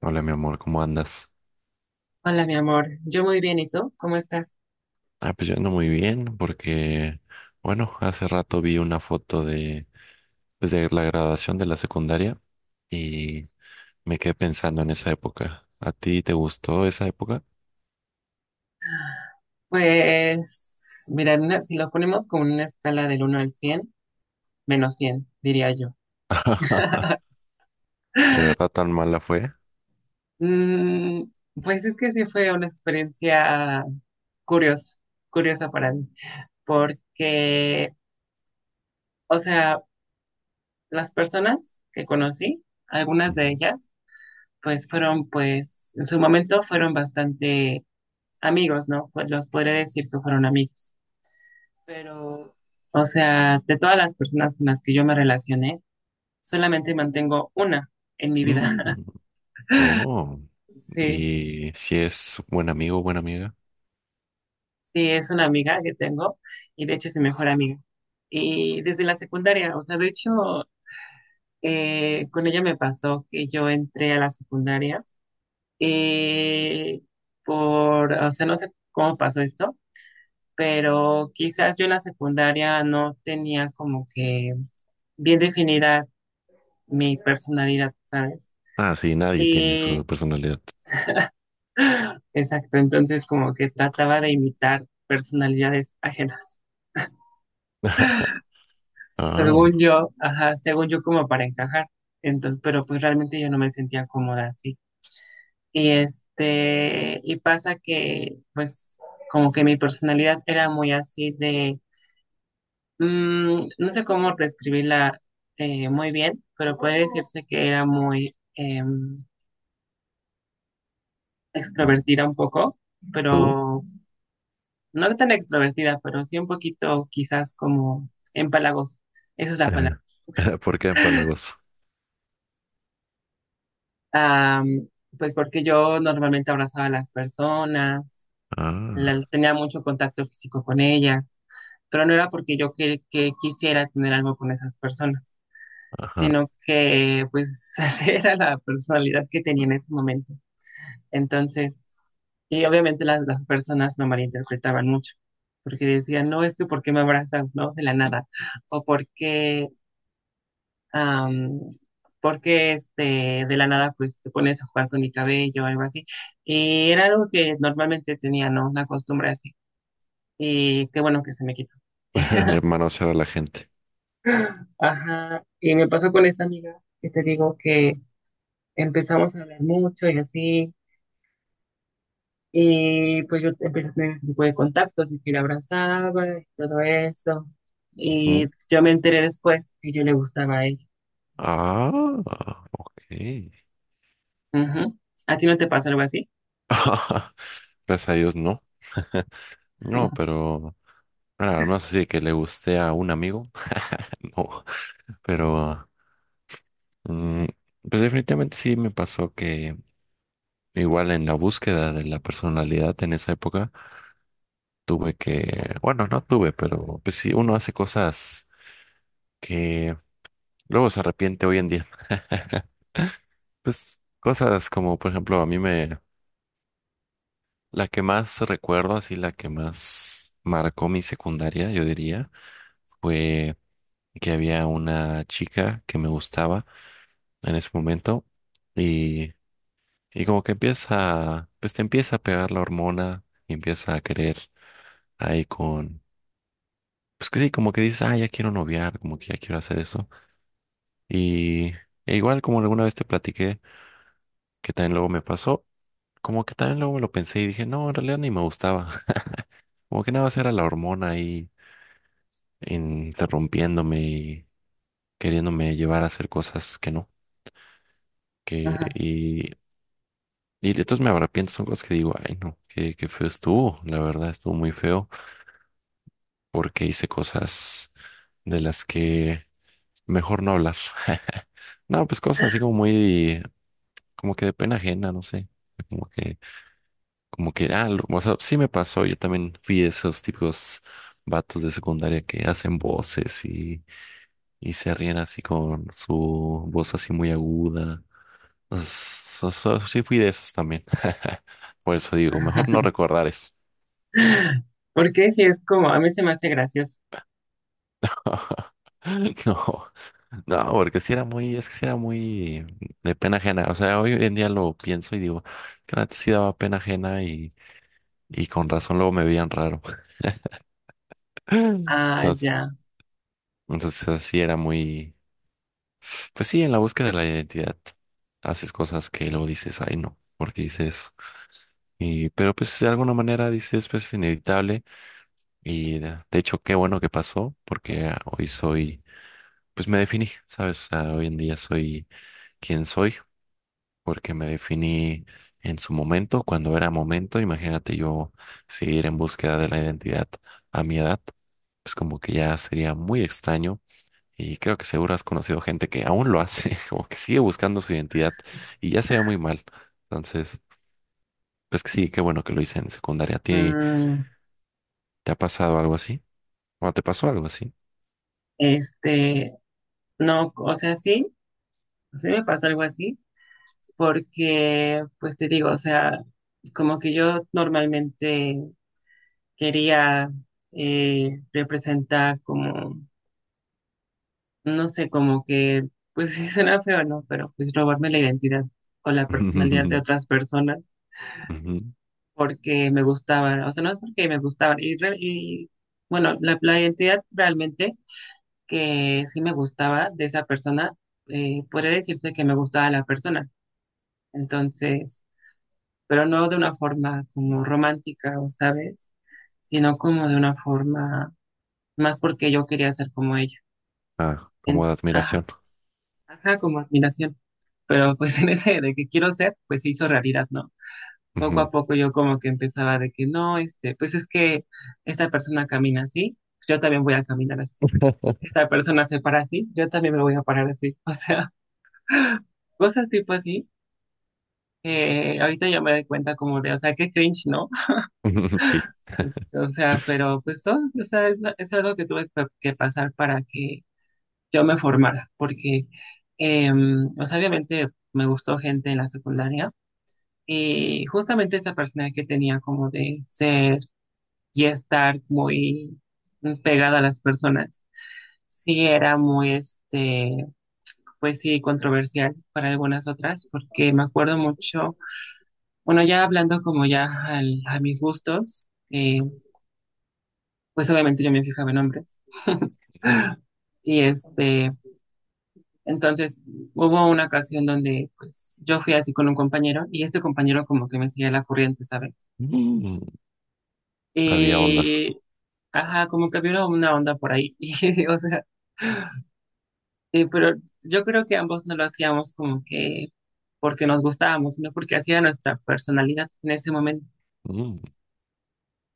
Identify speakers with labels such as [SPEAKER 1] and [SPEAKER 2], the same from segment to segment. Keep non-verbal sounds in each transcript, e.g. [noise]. [SPEAKER 1] Hola, mi amor, ¿cómo andas?
[SPEAKER 2] Hola, mi amor. Yo muy bien, ¿y tú? ¿Cómo estás?
[SPEAKER 1] Ah, pues yo ando muy bien porque, bueno, hace rato vi una foto de la graduación de la secundaria y me quedé pensando en esa época. ¿A ti te gustó esa época?
[SPEAKER 2] Pues, mira, si lo ponemos con una escala del uno al 100, menos 100 diría yo.
[SPEAKER 1] [laughs]
[SPEAKER 2] [laughs]
[SPEAKER 1] ¿De verdad tan mala fue?
[SPEAKER 2] Mm, pues es que sí fue una experiencia curiosa, curiosa para mí, porque, o sea, las personas que conocí, algunas de
[SPEAKER 1] Ujú.
[SPEAKER 2] ellas, pues fueron, pues, en su momento fueron bastante amigos, ¿no? Pues los podré decir que fueron amigos, pero, o sea, de todas las personas con las que yo me relacioné, solamente mantengo una en mi vida. [laughs]
[SPEAKER 1] Mm, oh,
[SPEAKER 2] Sí,
[SPEAKER 1] y si es buen amigo o buena amiga.
[SPEAKER 2] sí, es una amiga que tengo y de hecho es mi mejor amiga. Y desde la secundaria, o sea, de hecho, con ella me pasó que yo entré a la secundaria, eh, por, o sea, no sé cómo pasó esto, pero quizás yo en la secundaria no tenía como que bien definida mi personalidad, ¿sabes?
[SPEAKER 1] Ah, sí, nadie tiene
[SPEAKER 2] Y
[SPEAKER 1] su personalidad.
[SPEAKER 2] exacto, entonces como que trataba de imitar personalidades ajenas.
[SPEAKER 1] [laughs] Ah,
[SPEAKER 2] Según yo, ajá, según yo, como para encajar. Entonces, pero pues realmente yo no me sentía cómoda así. Y este, y pasa que pues como que mi personalidad era muy así de, mm, no sé cómo describirla muy bien, pero puede decirse que era muy
[SPEAKER 1] mm,
[SPEAKER 2] extrovertida un poco,
[SPEAKER 1] ¿tú?
[SPEAKER 2] pero no tan extrovertida, pero sí un poquito quizás como empalagosa. Esa es la palabra.
[SPEAKER 1] [laughs] ¿Por qué empalagos?
[SPEAKER 2] Am, pues porque yo normalmente abrazaba a las personas,
[SPEAKER 1] Ah,
[SPEAKER 2] tenía mucho contacto físico con ellas, pero no era porque yo que quisiera tener algo con esas personas,
[SPEAKER 1] ajá.
[SPEAKER 2] sino que pues [laughs] esa era la personalidad que tenía en ese momento. Entonces, y obviamente las personas me malinterpretaban mucho, porque decían, no, es que ¿por qué me abrazas, no? De la nada, o porque am, porque este, de la nada pues te pones a jugar con mi cabello o algo así. Y era algo que normalmente tenía, ¿no? Una costumbre así. Y qué bueno que se me quitó.
[SPEAKER 1] [laughs] De manosear a la gente.
[SPEAKER 2] Ajá. Y me pasó con esta amiga, que te digo, que empezamos a hablar mucho y así. Y pues yo empecé a tener ese tipo de contactos y que la abrazaba y todo eso. Y
[SPEAKER 1] Ujú.
[SPEAKER 2] yo me enteré después que yo le gustaba a ella.
[SPEAKER 1] Ah, ok.
[SPEAKER 2] Ujú. ¿A ti no te pasa algo así?
[SPEAKER 1] [laughs] Gracias a Dios, no. No, pero nada más así de que le guste a un amigo. [laughs] No, pero mm, pues definitivamente sí me pasó que igual en la búsqueda de la personalidad en esa época tuve que, bueno, no tuve, pero pues sí, uno hace cosas que luego se arrepiente hoy en día. Pues cosas como, por ejemplo, a mí me la que más recuerdo, así la que más marcó mi secundaria, yo diría, fue que había una chica que me gustaba en ese momento y, y como que empieza, pues te empieza a pegar la hormona y empieza a querer ahí con, pues que sí, como que dices, ah, ya quiero noviar, como que ya quiero hacer eso. Y e igual como alguna vez te platiqué que también luego me pasó, como que también luego me lo pensé y dije, no, en realidad ni me gustaba, [laughs] como que nada más era la hormona ahí interrumpiéndome y queriéndome llevar a hacer cosas que no, que
[SPEAKER 2] Ajá.
[SPEAKER 1] y, y entonces me arrepiento, son cosas que digo, ay no, qué feo estuvo, la verdad estuvo muy feo porque hice cosas de las que mejor no hablar. [laughs] No, pues cosas así como muy, como que de pena ajena, no sé, como que, como que, ah, o sea, sí me pasó, yo también fui de esos típicos vatos de secundaria que hacen voces y se ríen así con su voz así muy aguda. Sí fui de esos también. [laughs] Por eso digo, mejor no recordar eso.
[SPEAKER 2] Porque si es como, a mí se me hace gracioso.
[SPEAKER 1] [laughs] No, no, porque si era muy, es que si era muy de pena ajena. O sea, hoy en día lo pienso y digo, que antes sí daba pena ajena y con razón luego me veían raro. [laughs]
[SPEAKER 2] Ah,
[SPEAKER 1] Entonces,
[SPEAKER 2] ya.
[SPEAKER 1] así era muy, pues sí, en la búsqueda de la identidad haces cosas que luego dices, ay no, porque hice eso. Pero pues de alguna manera dices, pues es inevitable. Y de hecho, qué bueno que pasó, porque ah, hoy soy, pues me definí, ¿sabes? O sea, hoy en día soy quien soy, porque me definí en su momento, cuando era momento. Imagínate yo seguir en búsqueda de la identidad a mi edad, pues como que ya sería muy extraño. Y creo que seguro has conocido gente que aún lo hace, [laughs] como que sigue buscando su identidad y ya se ve muy mal. Entonces, pues que sí, qué bueno que lo hice en secundaria. ¿A ti
[SPEAKER 2] Mm,
[SPEAKER 1] te ha pasado algo así? ¿O te pasó algo así?
[SPEAKER 2] este, no, o sea, sí, sí me pasó algo así, porque, pues te digo, o sea, como que yo normalmente quería, representar como, no sé, como que, pues [laughs] sí suena feo, ¿no? Pero pues robarme la identidad o la personalidad de
[SPEAKER 1] [laughs]
[SPEAKER 2] otras personas
[SPEAKER 1] Ujú.
[SPEAKER 2] porque me gustaban, o sea, no es porque me gustaban, y, y bueno, la identidad realmente que sí me gustaba de esa persona, podría decirse que me gustaba la persona. Entonces, pero no de una forma como romántica, o sabes, sino como de una forma más porque yo quería ser como ella.
[SPEAKER 1] Ah, como
[SPEAKER 2] En,
[SPEAKER 1] de
[SPEAKER 2] ajá,
[SPEAKER 1] admiración.
[SPEAKER 2] ajá, como admiración. Pero pues [laughs] en ese de que quiero ser, pues se hizo realidad, ¿no? Poco
[SPEAKER 1] Ujú.
[SPEAKER 2] a poco yo como que empezaba de que no, este, pues es que esta persona camina así, yo también voy a caminar así. Esta persona se para así, yo también me voy a parar así. [laughs] O sea, cosas tipo así, que ahorita yo me doy cuenta como de, o sea, qué cringe, ¿no? [laughs]
[SPEAKER 1] [laughs] Sí.
[SPEAKER 2] O sea, pero pues son, o sea, es algo que tuve que pasar para que yo me formara, porque, o sea, obviamente me gustó gente en la secundaria y justamente esa persona que tenía como de ser y estar muy pegada a las personas, sí era muy, este, pues sí, controversial para algunas otras, porque me acuerdo mucho. Bueno, ya hablando como ya a mis gustos, pues obviamente yo me fijaba en hombres. Y este, entonces hubo una ocasión donde pues yo fui así con un compañero y este compañero como que me seguía la corriente, ¿sabes?
[SPEAKER 1] Mm, Había onda.
[SPEAKER 2] Eh, ajá, como que había una onda por ahí. [laughs] Y, o sea, pero yo creo que ambos no lo hacíamos como que porque nos gustábamos, sino porque hacía nuestra personalidad en ese momento.
[SPEAKER 1] Mm,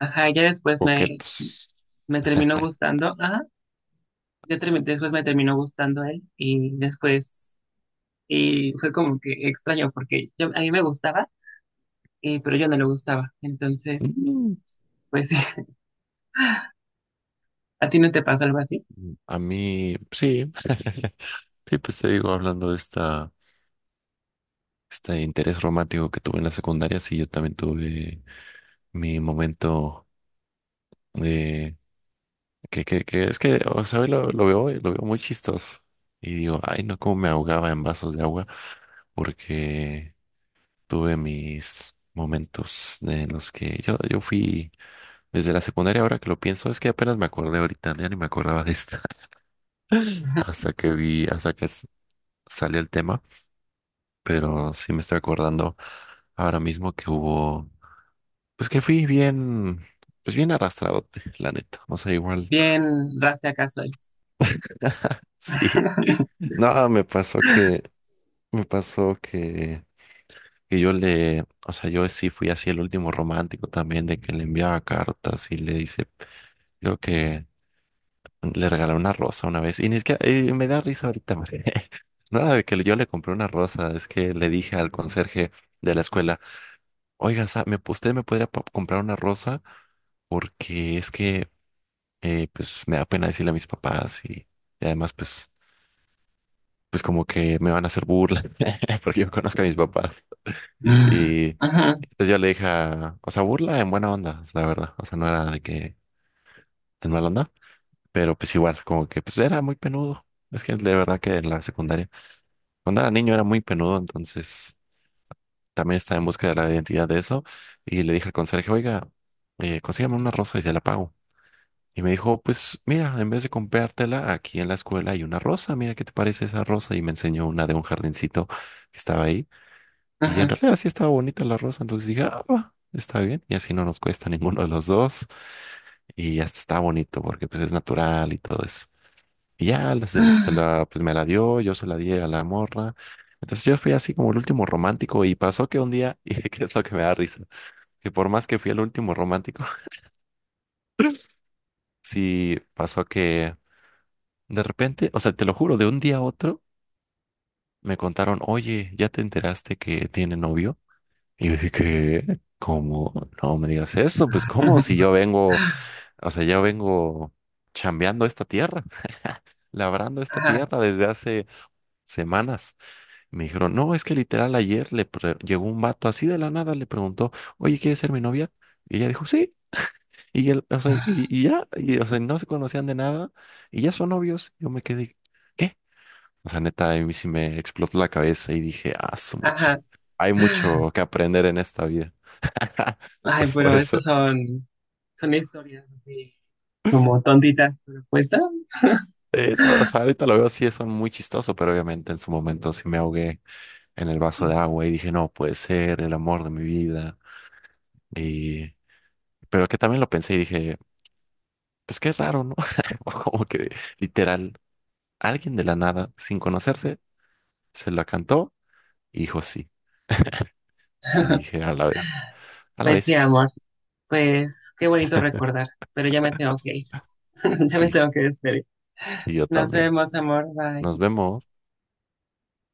[SPEAKER 2] Ajá, ya después me,
[SPEAKER 1] coquetos.
[SPEAKER 2] me terminó gustando. Ajá, ya después me terminó gustando él, y después y fue como que extraño porque yo, a mí me gustaba, pero yo no le gustaba. Entonces,
[SPEAKER 1] Mm,
[SPEAKER 2] pues sí, [laughs] ¿a ti no te pasó algo así?
[SPEAKER 1] a mí, sí. [laughs] Sí, pues te digo, hablando de este interés romántico que tuve en la secundaria, sí, yo también tuve mi momento de que es que, o sea, hoy lo veo, hoy, lo veo muy chistoso. Y digo, ay, no, cómo me ahogaba en vasos de agua, porque tuve mis momentos en los que yo fui. Desde la secundaria, ahora que lo pienso, es que apenas me acordé ahorita, ya ni me acordaba de esta, [laughs] hasta que salió el tema, pero sí me estoy acordando ahora mismo que hubo, pues que fui bien, pues bien arrastrado, la neta, o sea, igual,
[SPEAKER 2] Bien, raste acá sois.
[SPEAKER 1] [laughs] sí,
[SPEAKER 2] [laughs]
[SPEAKER 1] no, me pasó que, o sea, yo sí fui así el último romántico también, de que le enviaba cartas y le dice, creo que le regalé una rosa una vez. Y ni siquiera, me da risa ahorita, porque [laughs] no era de que yo le compré una rosa, es que le dije al conserje de la escuela, oiga, usted me podría comprar una rosa porque es que pues me da pena decirle a mis papás y además pues como que me van a hacer burla [laughs] porque yo conozco a mis papás. Y
[SPEAKER 2] Ajá,
[SPEAKER 1] entonces yo le dije, o sea, burla en buena onda, es la verdad. O sea, no era de que en mala onda, pero pues igual, como que pues era muy penudo. Es que de verdad que en la secundaria. Cuando era niño era muy penudo, entonces también estaba en busca de la identidad de eso. Y le dije al conserje, oiga, consígame una rosa y se la pago. Y me dijo, pues mira, en vez de comprártela, aquí en la escuela hay una rosa, mira qué te parece esa rosa. Y me enseñó una de un jardincito que estaba ahí. Y en
[SPEAKER 2] ajá,
[SPEAKER 1] realidad sí estaba bonita la rosa, entonces dije, ah, va, está bien. Y así no nos cuesta [laughs] ninguno de los dos. Y hasta está bonito porque pues es natural y todo eso. Y ya se la, pues me la dio, yo se la di a la morra. Entonces yo fui así como el último romántico y pasó que un día, [laughs] y que es lo que me da risa, que por más que fui el último romántico, [laughs] sí pasó que de repente, o sea, te lo juro, de un día a otro me contaron, oye, ¿ya te enteraste que tiene novio? Y yo dije, ¿qué? ¿Cómo? No me digas eso, pues ¿cómo? Si yo vengo, o sea, yo vengo chambeando esta tierra, [laughs] labrando esta
[SPEAKER 2] ajá,
[SPEAKER 1] tierra desde hace semanas. Me dijeron, no, es que literal ayer le llegó un vato así de la nada, le preguntó, oye, ¿quieres ser mi novia? Y ella dijo, sí. Y, él, o sea, no se conocían de nada y ya son novios. Yo me quedé, ¿qué? O sea, neta, a mí sí me explotó la cabeza y dije, ah, su mecha.
[SPEAKER 2] ajá.
[SPEAKER 1] Hay mucho que aprender en esta vida. [laughs]
[SPEAKER 2] Ay,
[SPEAKER 1] Entonces, por
[SPEAKER 2] pero esas
[SPEAKER 1] eso,
[SPEAKER 2] son, son historias así como tontitas, pero pues, ah,
[SPEAKER 1] eso, o sea, ahorita lo veo así, son muy chistoso, pero obviamente en su momento sí me ahogué en el vaso de
[SPEAKER 2] sí.
[SPEAKER 1] agua y dije, no, puede ser el amor de mi vida. Y, pero que también lo pensé y dije, pues qué raro, ¿no? [laughs] Como que literal, alguien de la nada, sin conocerse, se la cantó y dijo sí. Sí, dije, a la ver, a la
[SPEAKER 2] Pues sí,
[SPEAKER 1] bestia.
[SPEAKER 2] amor. Pues qué bonito recordar, pero ya me tengo que ir. [laughs] Ya me
[SPEAKER 1] Sí,
[SPEAKER 2] tengo que despedir.
[SPEAKER 1] sí, yo
[SPEAKER 2] Nos
[SPEAKER 1] también.
[SPEAKER 2] vemos, amor. Bye.
[SPEAKER 1] Nos vemos.